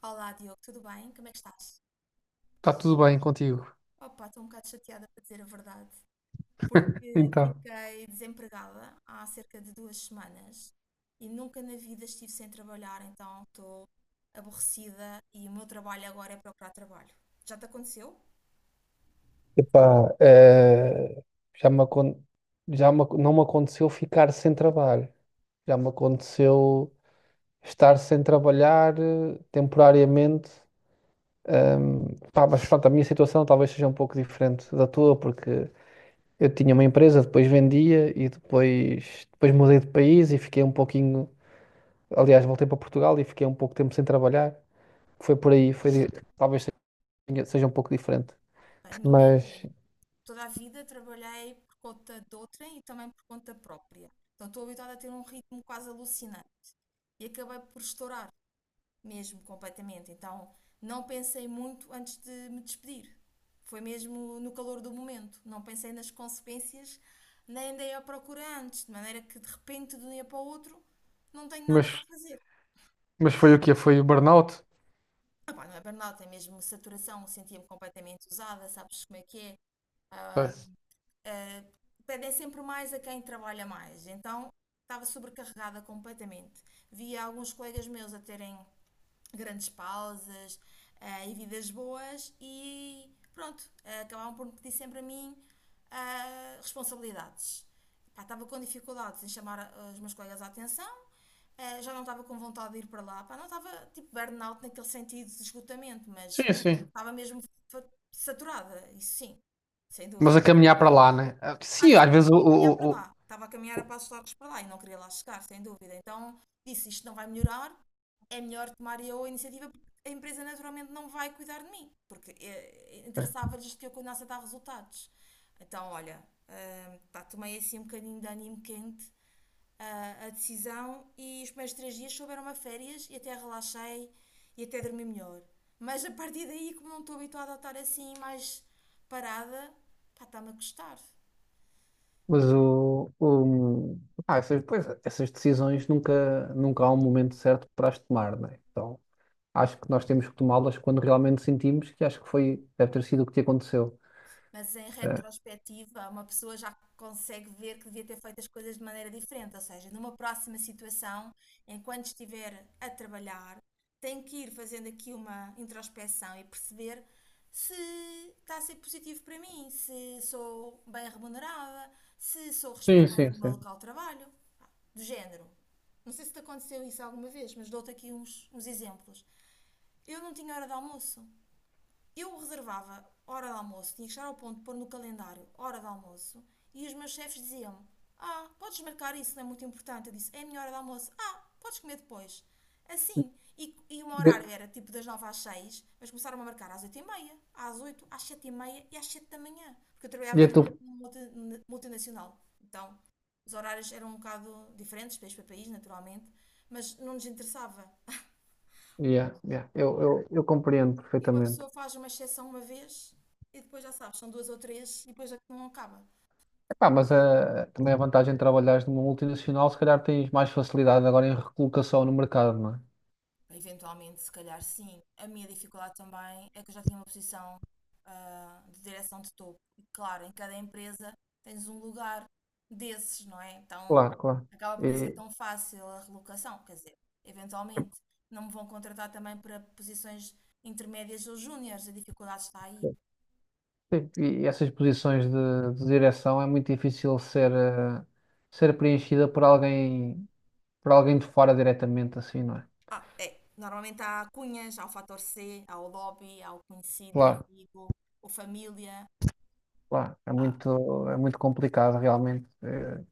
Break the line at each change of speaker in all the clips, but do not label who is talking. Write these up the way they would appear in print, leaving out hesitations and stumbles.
Olá, Diogo, tudo bem? Como é que estás?
Está tudo bem contigo?
Opa, estou um bocado chateada para dizer a verdade, porque
Então.
fiquei desempregada há cerca de 2 semanas e nunca na vida estive sem trabalhar, então estou aborrecida e o meu trabalho agora é procurar trabalho. Já te aconteceu?
Epá, já me, acon- não me aconteceu ficar sem trabalho. Já me aconteceu estar sem trabalhar temporariamente. Pá, mas pronto, a minha situação talvez seja um pouco diferente da tua, porque eu tinha uma empresa, depois vendia e depois mudei de país e fiquei um pouquinho. Aliás, voltei para Portugal e fiquei um pouco tempo sem trabalhar. Foi por aí, foi, talvez seja um pouco diferente.
É. A minha
Mas
é, toda a vida trabalhei por conta de outrem e também por conta própria. Então estou habituada a ter um ritmo quase alucinante e acabei por estourar, mesmo completamente. Então não pensei muito antes de me despedir. Foi mesmo no calor do momento. Não pensei nas consequências, nem andei à procura antes, de maneira que de repente, de um dia para o outro, não tenho nada para
mas
fazer.
Mas foi o quê? Foi o burnout?
Ah pá, não é burnout, é mesmo saturação. Sentia-me completamente usada, sabes como é que é?
Foi.
Pedem sempre mais a quem trabalha mais. Então, estava sobrecarregada completamente. Via alguns colegas meus a terem grandes pausas, e vidas boas e pronto, acabavam por me pedir sempre a mim responsabilidades. Pá, estava com dificuldades em chamar os meus colegas à atenção, já não estava com vontade de ir para lá. Pá, não estava tipo burnout naquele sentido de esgotamento, mas
Sim, sim.
estava mesmo fa- saturada, isso sim, sem
Mas
dúvida.
a caminhar para lá, né? Ah,
Ah,
sim, às
sim, mas
vezes
tinha que caminhar para
o-
lá. Estava a caminhar a passos largos para lá e não queria lá chegar, sem dúvida. Então disse: isto não vai melhorar, é melhor tomar eu a iniciativa porque a empresa naturalmente não vai cuidar de mim, porque interessava-lhes que eu continuasse a dar resultados. Então, olha, pá, tomei assim um bocadinho de ânimo quente a decisão e os primeiros 3 dias souberam a férias e até relaxei e até dormi melhor. Mas a partir daí, como não estou habituada a estar assim mais parada, pá, está-me a custar.
mas o- ah, essas, pois, essas decisões nunca, há um momento certo para as tomar, né? Então acho que nós temos que tomá-las quando realmente sentimos que acho que foi, deve ter sido o que te aconteceu.
Mas em
É.
retrospectiva, uma pessoa já consegue ver que devia ter feito as coisas de maneira diferente. Ou seja, numa próxima situação, enquanto estiver a trabalhar, tem que ir fazendo aqui uma introspeção e perceber se está a ser positivo para mim, se sou bem remunerada, se sou
Sim,
respeitada
sim,
no meu
sim.
local de trabalho, pá, do género. Não sei se te aconteceu isso alguma vez, mas dou-te aqui uns exemplos. Eu não tinha hora de almoço, eu reservava hora de almoço, tinha que chegar ao ponto de pôr no calendário hora de almoço, e os meus chefes diziam-me: Ah, podes marcar isso, não é muito importante. Eu disse: É a minha hora de almoço. Ah, podes comer depois. Assim. E o meu
E-
horário era tipo das 9 às seis, mas começaram a marcar às 8 e meia, às oito, às 7 e meia e às 7 da manhã, porque eu
e
trabalhava
é
numa
tu-
multinacional. Então, os horários eram um bocado diferentes, país para país, naturalmente, mas não nos interessava.
Yeah, yeah. Eu compreendo
E uma
perfeitamente.
pessoa faz uma exceção uma vez e depois já sabes, são duas ou três e depois aquilo não acaba.
Epá, mas também a vantagem de trabalhares numa multinacional, se calhar tens mais facilidade agora em recolocação no mercado, não é?
Eventualmente, se calhar sim. A minha dificuldade também é que eu já tinha uma posição de direção de topo. E claro, em cada empresa tens um lugar desses, não é? Então
Claro, claro.
acaba por não ser
E,
tão fácil a relocação. Quer dizer, eventualmente não me vão contratar também para posições intermédias ou júniores. A dificuldade está aí.
e essas posições de direção é muito difícil ser preenchida por alguém de fora diretamente, assim, não é?
Ah, é. Normalmente há cunhas, há o fator C, há o lobby, há o conhecido, o
Claro,
amigo, o família.
claro. É
Há,
muito, é muito complicado, realmente.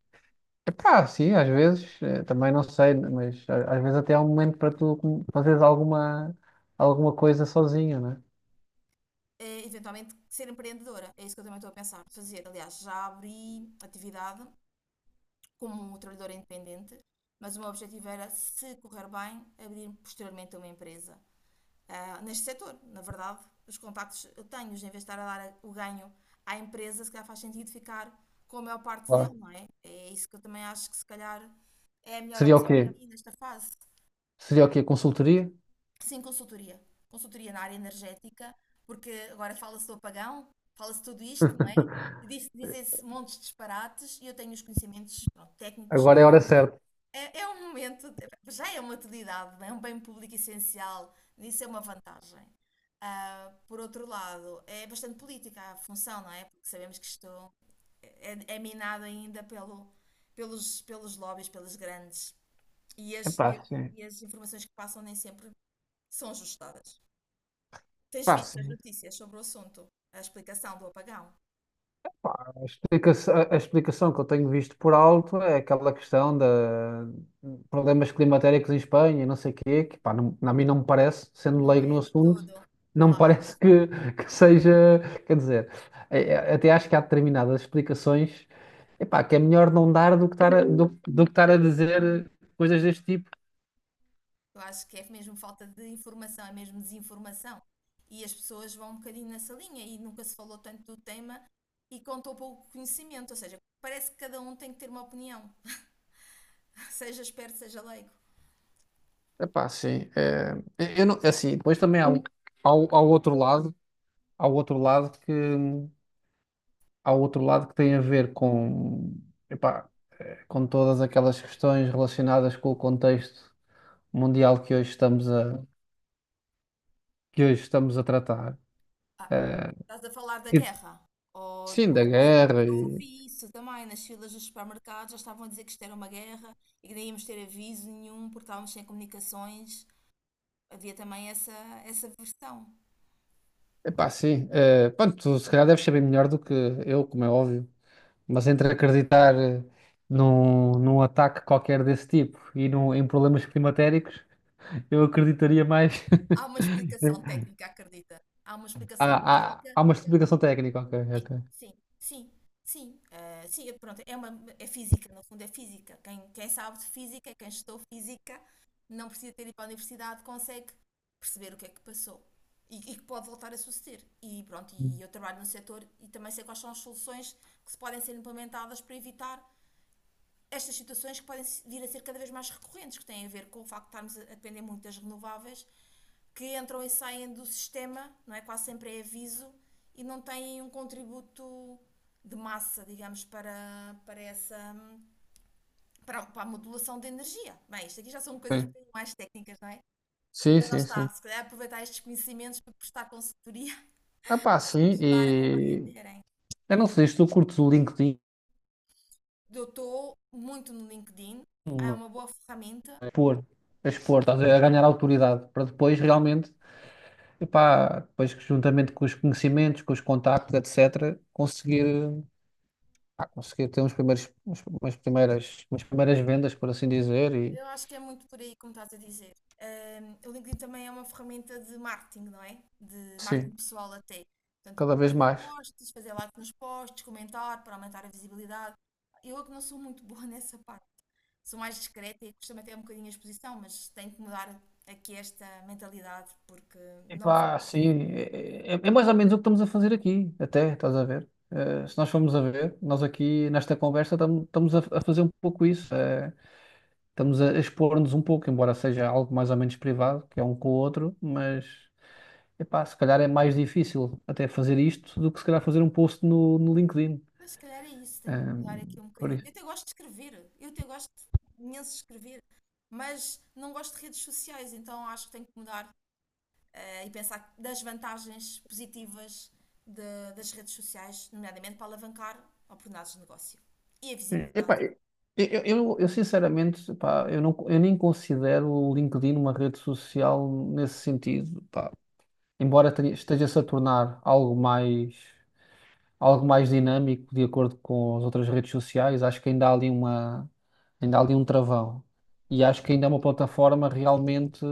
Epá, sim, às vezes, também não sei, mas às vezes até há um momento para tu fazeres alguma coisa sozinho, não é?
eventualmente, ser empreendedora. É isso que eu também estou a pensar fazer. Aliás, já abri atividade como trabalhadora independente, mas o meu objetivo era, se correr bem, abrir posteriormente uma empresa neste setor. Na verdade, os contactos eu tenho, em vez de estar a dar o ganho à empresa, se calhar faz sentido ficar com a maior parte dele,
Claro.
não é? É isso que eu também acho que se calhar é a melhor
Seria o
opção para
quê?
mim nesta fase.
Seria o quê? Consultoria?
Sim, consultoria. Consultoria na área energética, porque agora fala-se do apagão, fala-se tudo isto, não é? E dizem-se montes de disparates e eu tenho os conhecimentos, pronto, técnicos.
Agora é a hora certa.
É, é um momento, já é uma utilidade, não é? É um bem público essencial, isso é uma vantagem. Ah, por outro lado, é bastante política a função, não é? Porque sabemos que isto é minado ainda pelo, pelos lobbies, pelas grandes. E as, e,
Epá,
as,
sim.
e as informações que passam nem sempre são ajustadas. Tens
Epá,
visto as
sim.
notícias sobre o assunto, a explicação do apagão?
Pá, explicação que eu tenho visto por alto é aquela questão de problemas climatéricos em Espanha e não sei o quê, que pá, não, a mim não me parece, sendo
Não
leigo no
é de
assunto,
todo
não me
claro.
parece que seja, quer dizer, até acho que há determinadas explicações, epá, que é melhor não dar do que do que estar a dizer coisas deste tipo.
Eu acho que é mesmo falta de informação, é mesmo desinformação. E as pessoas vão um bocadinho nessa linha e nunca se falou tanto do tema e contou pouco conhecimento, ou seja, parece que cada um tem que ter uma opinião, seja esperto, seja leigo.
Epá, sim, é, eu não, é assim, depois também há, o- há, o- há o outro lado, há o outro lado que há outro lado que tem a ver com, epá, com todas aquelas questões relacionadas com o contexto mundial que hoje estamos a tratar.
Ah,
Eh,
estás a falar da
e-
guerra? Ou
sim, da
sim,
guerra
eu ouvi isso também nas filas dos supermercados, já estavam a dizer que isto era uma guerra e que nem íamos ter aviso nenhum porque estávamos sem comunicações. Havia também essa versão.
epá, sim. Pronto, tu se calhar deves saber melhor do que eu, como é óbvio, mas entre acreditar num ataque qualquer desse tipo e em problemas climatéricos, eu acreditaria mais.
Há uma explicação técnica, acredita? Há uma
Há,
explicação
há,
técnica.
há uma explicação técnica, ok,
Sim,
ok.
sim, sim, sim, sim, pronto, é uma, é física, no fundo é física. Quem sabe de física, quem estudou física, não precisa ter ido para a universidade, consegue perceber o que é que passou e que pode voltar a suceder. E pronto, e, eu trabalho no setor e também sei quais soluções que podem ser implementadas para evitar estas situações que podem vir a ser cada vez mais recorrentes, que têm a ver com o facto de estarmos a depender muito das renováveis, que entram e saem do sistema, não é? Quase sempre é aviso e não têm um contributo de massa, digamos, para essa para a modulação de energia. Bem, isto aqui já são coisas um
Sim,
bocadinho mais técnicas, não é?
sim,
Mas lá
sim.
está,
Sim.
se calhar aproveitar estes conhecimentos para prestar consultoria
Ah, pá,
e
sim,
ajudar a
e
compreenderem.
eu não sei se tu curtes o LinkedIn,
Eu estou muito no LinkedIn, é uma boa ferramenta.
a expor, a expor, estás a ver, a ganhar autoridade, para depois realmente, epá, depois que juntamente com os conhecimentos, com os contactos, etc., conseguir ter uns primeiros, umas primeiras vendas, por assim dizer, e
Eu acho que é muito por aí, como estás a dizer. O LinkedIn também é uma ferramenta de marketing, não é? De marketing
sim,
pessoal até. Portanto,
cada vez
fazer
mais.
posts, fazer like nos posts, comentar para aumentar a visibilidade. Eu é que não sou muito boa nessa parte. Sou mais discreta e costumo me até um bocadinho a exposição, mas tenho que mudar aqui esta mentalidade porque não me favorece.
Epá, sim, é- mais ou menos o que estamos a fazer aqui, até, estás a ver? Se nós formos a ver, nós aqui nesta conversa estamos a fazer um pouco isso. Estamos a expor-nos um pouco, embora seja algo mais ou menos privado, que é um com o outro, mas epá, se calhar é mais difícil até fazer isto do que se calhar fazer um post no LinkedIn.
Mas se calhar é isso, tenho que mudar aqui um
Por
bocadinho.
isso.
Eu até gosto de escrever, eu até gosto imenso de escrever, mas não gosto de redes sociais, então acho que tenho que mudar e pensar das vantagens positivas das redes sociais, nomeadamente para alavancar oportunidades de negócio e a visibilidade.
Epá, eu sinceramente, epá, eu, não, eu nem considero o LinkedIn uma rede social nesse sentido, pá. Embora esteja-se a tornar algo mais, algo mais dinâmico de acordo com as outras redes sociais, acho que ainda há ali um travão. E acho que ainda é uma plataforma realmente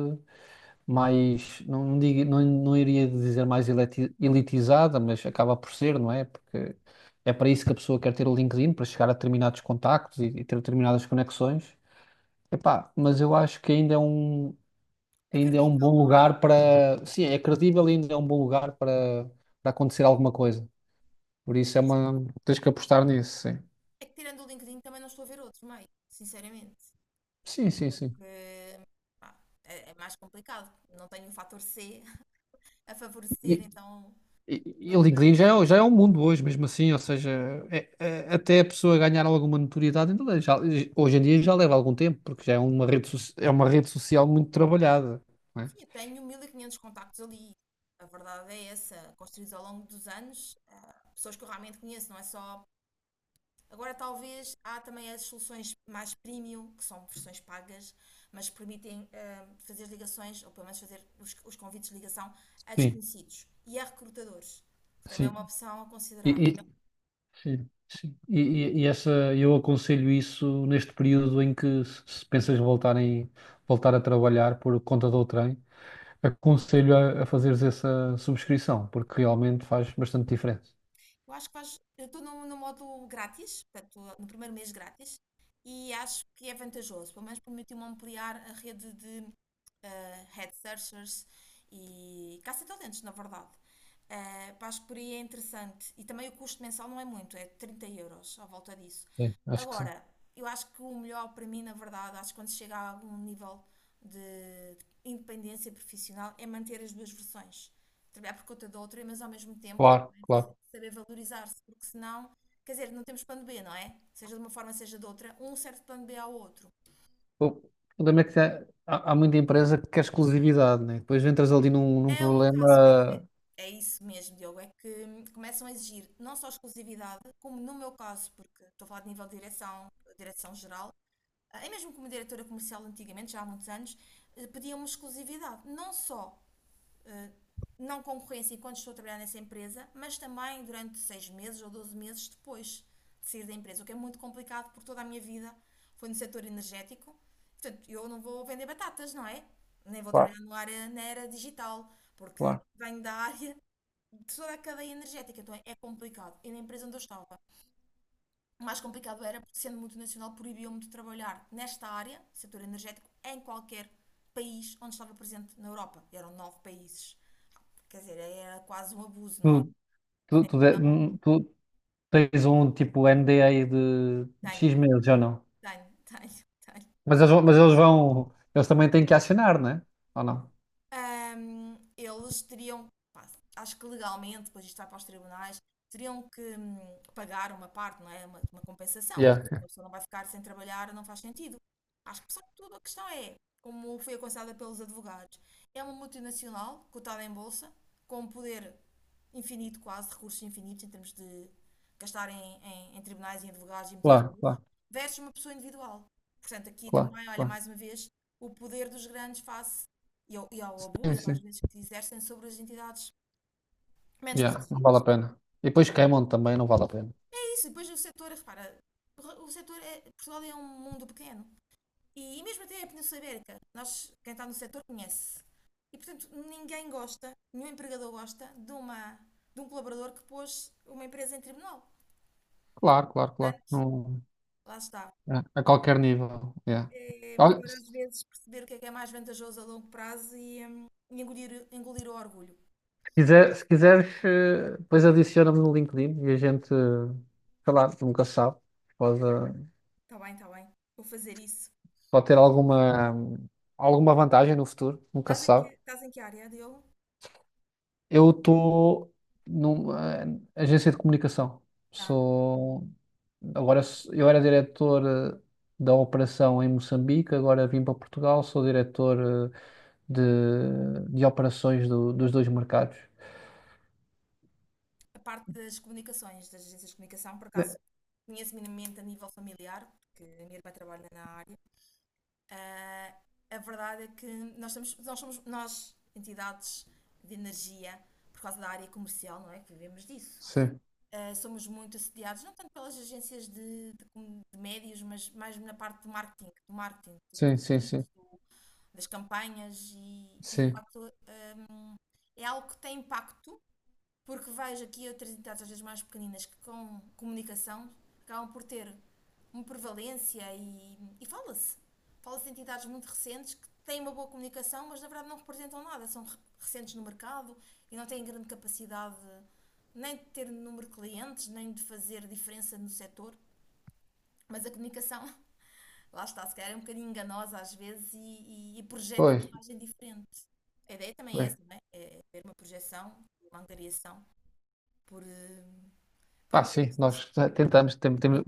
mais, não iria dizer mais elitizada, mas acaba por ser, não é? Porque é para isso que a pessoa quer ter o LinkedIn, para chegar a determinados contactos e ter determinadas conexões. Epá, mas eu acho que
É
ainda é um
credível,
bom
não é?
lugar para, sim, é credível e ainda é um bom lugar para acontecer alguma coisa. Por isso é
Pois,
uma. Tens que apostar nisso, sim.
é que tirando o LinkedIn também não estou a ver outro meio, sinceramente.
Sim, sim, sim.
Porque, pá, é, é mais complicado. Não tenho o fator C a favorecer,
E,
então
e
não
o LinkedIn
tenho.
já é um mundo hoje, mesmo assim, ou seja, é- é- até a pessoa ganhar alguma notoriedade, ainda já, hoje em dia já leva algum tempo, porque já é uma rede, so- é uma rede social muito trabalhada, não é?
Sim, eu tenho 1500 contactos ali. A verdade é essa, construídos ao longo dos anos, pessoas que eu realmente conheço, não é só. Agora, talvez há também as soluções mais premium, que são versões pagas, mas permitem fazer ligações, ou pelo menos fazer os convites de ligação a
Sim,
desconhecidos e a recrutadores, que também é
sim.
uma opção a
E,
considerar.
e, Sim, sim. E essa, eu aconselho isso neste período em que se pensas voltar a trabalhar por conta do trem, aconselho a fazeres essa subscrição, porque realmente faz bastante diferença.
Eu acho que faz. Eu estou no, no modo grátis, portanto, no primeiro mês grátis, e acho que é vantajoso, pelo menos permitiu-me ampliar a rede de head searchers e caça-talentos, na verdade. Pá, acho que por aí é interessante. E também o custo mensal não é muito, é 30 € à volta disso.
Sim, acho que sim.
Agora, eu acho que o melhor para mim, na verdade, acho que quando se chega a algum nível de independência profissional é manter as duas versões. Trabalhar por conta da outra, mas ao mesmo tempo
Claro,
também
claro.
saber valorizar-se, porque senão, quer dizer, não temos plano B, não é? Seja de uma forma, seja de outra, um serve de plano B ao outro.
O problema é que há muita empresa que quer exclusividade, né? Depois entras ali num
É um caso, é
problema.
que é isso mesmo, Diogo, é que começam a exigir não só exclusividade, como no meu caso, porque estou a falar de nível de direção, direção geral, e mesmo como diretora comercial antigamente, já há muitos anos, pediam-me exclusividade, não só eh, não concorrência enquanto estou a trabalhar nessa empresa, mas também durante 6 meses ou 12 meses depois de sair da empresa, o que é muito complicado porque toda a minha vida foi no setor energético. Portanto, eu não vou vender batatas, não é? Nem vou
Claro,
trabalhar no área, na era digital, porque
claro.
venho da área de toda a cadeia energética, então é complicado. E na empresa onde eu estava, o mais complicado era porque, sendo multinacional, proibiam-me de trabalhar nesta área, setor energético, em qualquer país onde estava presente na Europa. E eram 9 países. Quer dizer, era quase um abuso,
Tu,
não é?
tu, tu, de-
Então,
tu tens um tipo NDA de
tenho,
X meses ou não?
tenho, tenho, tenho.
Mas eles vão. Eles também têm que acionar, não é? Ou não?
Eles teriam, pá, acho que legalmente, depois isto vai para os tribunais, teriam que pagar uma parte, não é? Uma compensação, porque
Yeah.
uma pessoa não vai ficar sem trabalhar, não faz sentido. Acho que, apesar de tudo, a questão é, como foi aconselhada pelos advogados, é uma multinacional cotada em bolsa, com um poder infinito, quase, recursos infinitos em termos de gastar em tribunais e em advogados e meter
Claro,
recursos,
claro,
versus uma pessoa individual. Portanto, aqui
claro,
também, olha,
claro.
mais uma vez, o poder dos grandes face e ao
Sim,
abuso, às
sim.
vezes, que se exercem sobre as entidades menos
Yeah, não vale a
protegidas.
pena. E depois queimam também, não vale a pena.
É isso, depois o setor, repara, o setor é. Portugal é um mundo pequeno. E, mesmo até a Península Ibérica, nós, quem está no setor conhece. E portanto, ninguém gosta, nenhum empregador gosta de, uma, de um colaborador que pôs uma empresa em tribunal.
Claro, claro, claro.
Portanto,
Não,
lá está.
é, a qualquer nível. É.
É
Olha,
melhor às vezes perceber o que é mais vantajoso a longo prazo e engolir o orgulho.
se quiseres, depois adiciona-me no LinkedIn e a gente, sei lá, nunca se sabe. Pode, eh,
Está bem, está bem. Vou fazer isso.
pode ter alguma vantagem no futuro, nunca
Estás
se
em que,
sabe.
estás em que área, Diogo?
Eu estou numa agência de comunicação.
Ah,
Sou eu era diretor da operação em Moçambique. Agora vim para Portugal, sou diretor de, de operações dos dois mercados.
a parte das comunicações, das agências de comunicação, por
Né?
acaso conheço minimamente a nível familiar, porque a minha irmã trabalha na área. Ah, a verdade é que nós, estamos, nós somos, nós, entidades de energia, por causa da área comercial, não é? Que vivemos disso.
Sim,
Ah, somos muito assediados, não tanto pelas agências de médios, mas mais na parte do marketing, dos
sim, sim, sim,
leads, das campanhas e de
sim.
facto é algo que tem impacto porque vejo aqui outras entidades, às vezes mais pequeninas, que com comunicação acabam por ter uma prevalência e fala-se. Fala-se de entidades muito recentes que têm uma boa comunicação, mas na verdade não representam nada, são recentes no mercado e não têm grande capacidade nem de ter número de clientes, nem de fazer diferença no setor. Mas a comunicação, lá está, se calhar é um bocadinho enganosa às vezes e projeta uma
Pois,
imagem diferente. A ideia também é
pois.
essa, não é? É ter uma projeção, uma angariação por por
Pá,
meio
sim,
destas.
nós tentamos, temos,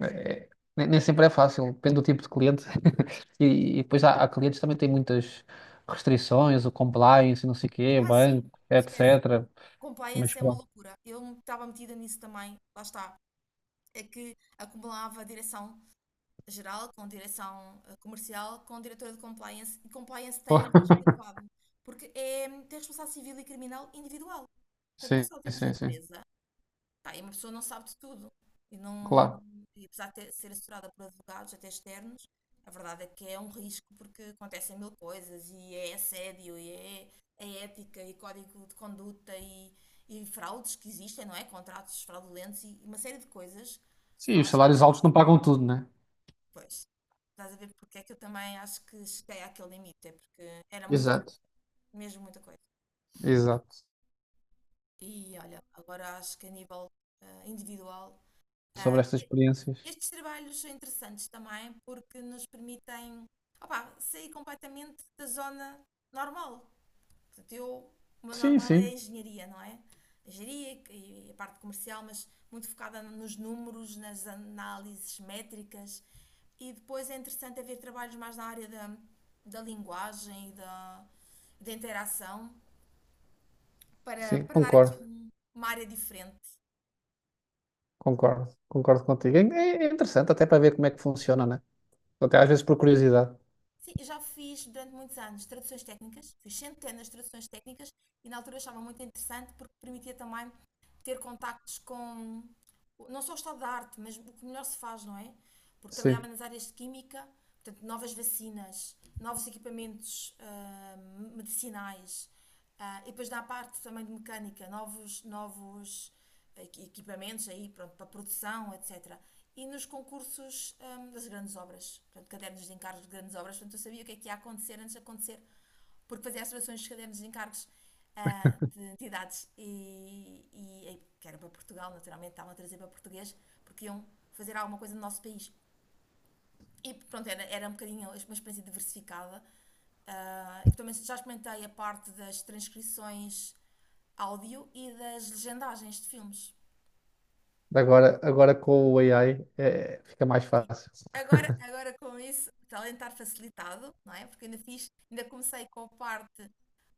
é, nem sempre é fácil, depende do tipo de cliente. E depois há clientes que também têm muitas restrições, o compliance, não sei o quê,
Ah, sim,
banco,
esquece.
etc. Mas
Compliance é uma
pronto.
loucura. Eu estava metida nisso também, lá está. É que acumulava direção geral com direção comercial, com diretora de compliance, e compliance tem um risco elevado, porque é, tem responsabilidade civil e criminal individual. Portanto, não é
Sim,
só termos a
sim, sim.
empresa. Pá, e uma pessoa não sabe de tudo. E, não,
Claro.
e apesar de ser assessorada por advogados, até externos, a verdade é que é um risco porque acontecem mil coisas e é assédio, é ética, e código de conduta, e fraudes que existem, não é? Contratos fraudulentos e uma série de coisas.
Sim,
Pá,
os
lá está,
salários altos não pagam tudo, né?
pois. Estás a ver porque é que eu também acho que cheguei àquele limite, é porque era muita,
Exato,
mesmo muita coisa.
exato.
E olha, agora acho que a nível individual.
Sobre estas experiências.
Estes trabalhos são interessantes também porque nos permitem opá, sair completamente da zona normal. Portanto, eu, o meu
Sim,
normal é a
sim,
engenharia, não é? A engenharia e a parte comercial, mas muito focada nos números, nas análises métricas. E depois é interessante haver trabalhos mais na área da, da linguagem e da, da interação para,
sim,
para dar aqui
concordo,
uma área diferente.
concordo, concordo contigo. É interessante até para ver como é que funciona, né? Até às vezes por curiosidade.
Sim, eu já fiz durante muitos anos traduções técnicas, fiz centenas de traduções técnicas e na altura achava muito interessante porque permitia também ter contactos com não só o estado da arte, mas o que melhor se faz, não é? Porque trabalhava
Sim.
nas áreas de química, portanto, novas vacinas, novos equipamentos medicinais, e depois na parte também de mecânica, novos equipamentos aí, pronto, para produção, etc. E nos concursos das grandes obras, portanto, cadernos de encargos de grandes obras, portanto, eu sabia o que é que ia acontecer antes de acontecer porque fazia as traduções dos cadernos de encargos de entidades e que era para Portugal, naturalmente, estavam a trazer para português, porque iam fazer alguma coisa no nosso país. E pronto, era um bocadinho uma experiência diversificada. Ah, e também já experimentei a parte das transcrições áudio e das legendagens de filmes.
Agora com o AI fica mais
Sim.
fácil.
Agora, agora com isso, talentar facilitado, não é? Porque ainda fiz, ainda comecei com a parte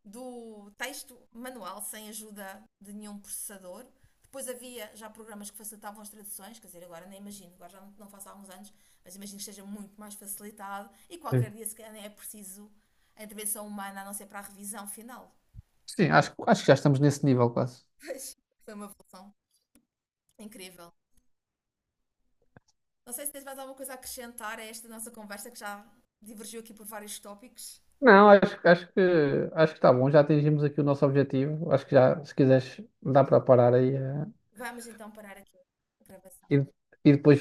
do texto manual, sem ajuda de nenhum processador. Depois havia já programas que facilitavam as traduções, quer dizer, agora nem imagino, agora já não, não faço há alguns anos, mas imagino que esteja muito mais facilitado e qualquer
Sim.
dia se calhar nem é preciso a intervenção humana, a não ser para a revisão final.
Sim, acho que já estamos nesse nível quase.
Mas foi uma evolução incrível. Não sei se tens mais alguma coisa a acrescentar a esta nossa conversa que já divergiu aqui por vários tópicos.
Não, acho que está bom, já atingimos aqui o nosso objetivo. Acho que já, se quiseres, dá para parar aí,
Vamos então parar aqui a gravação.
e, e depois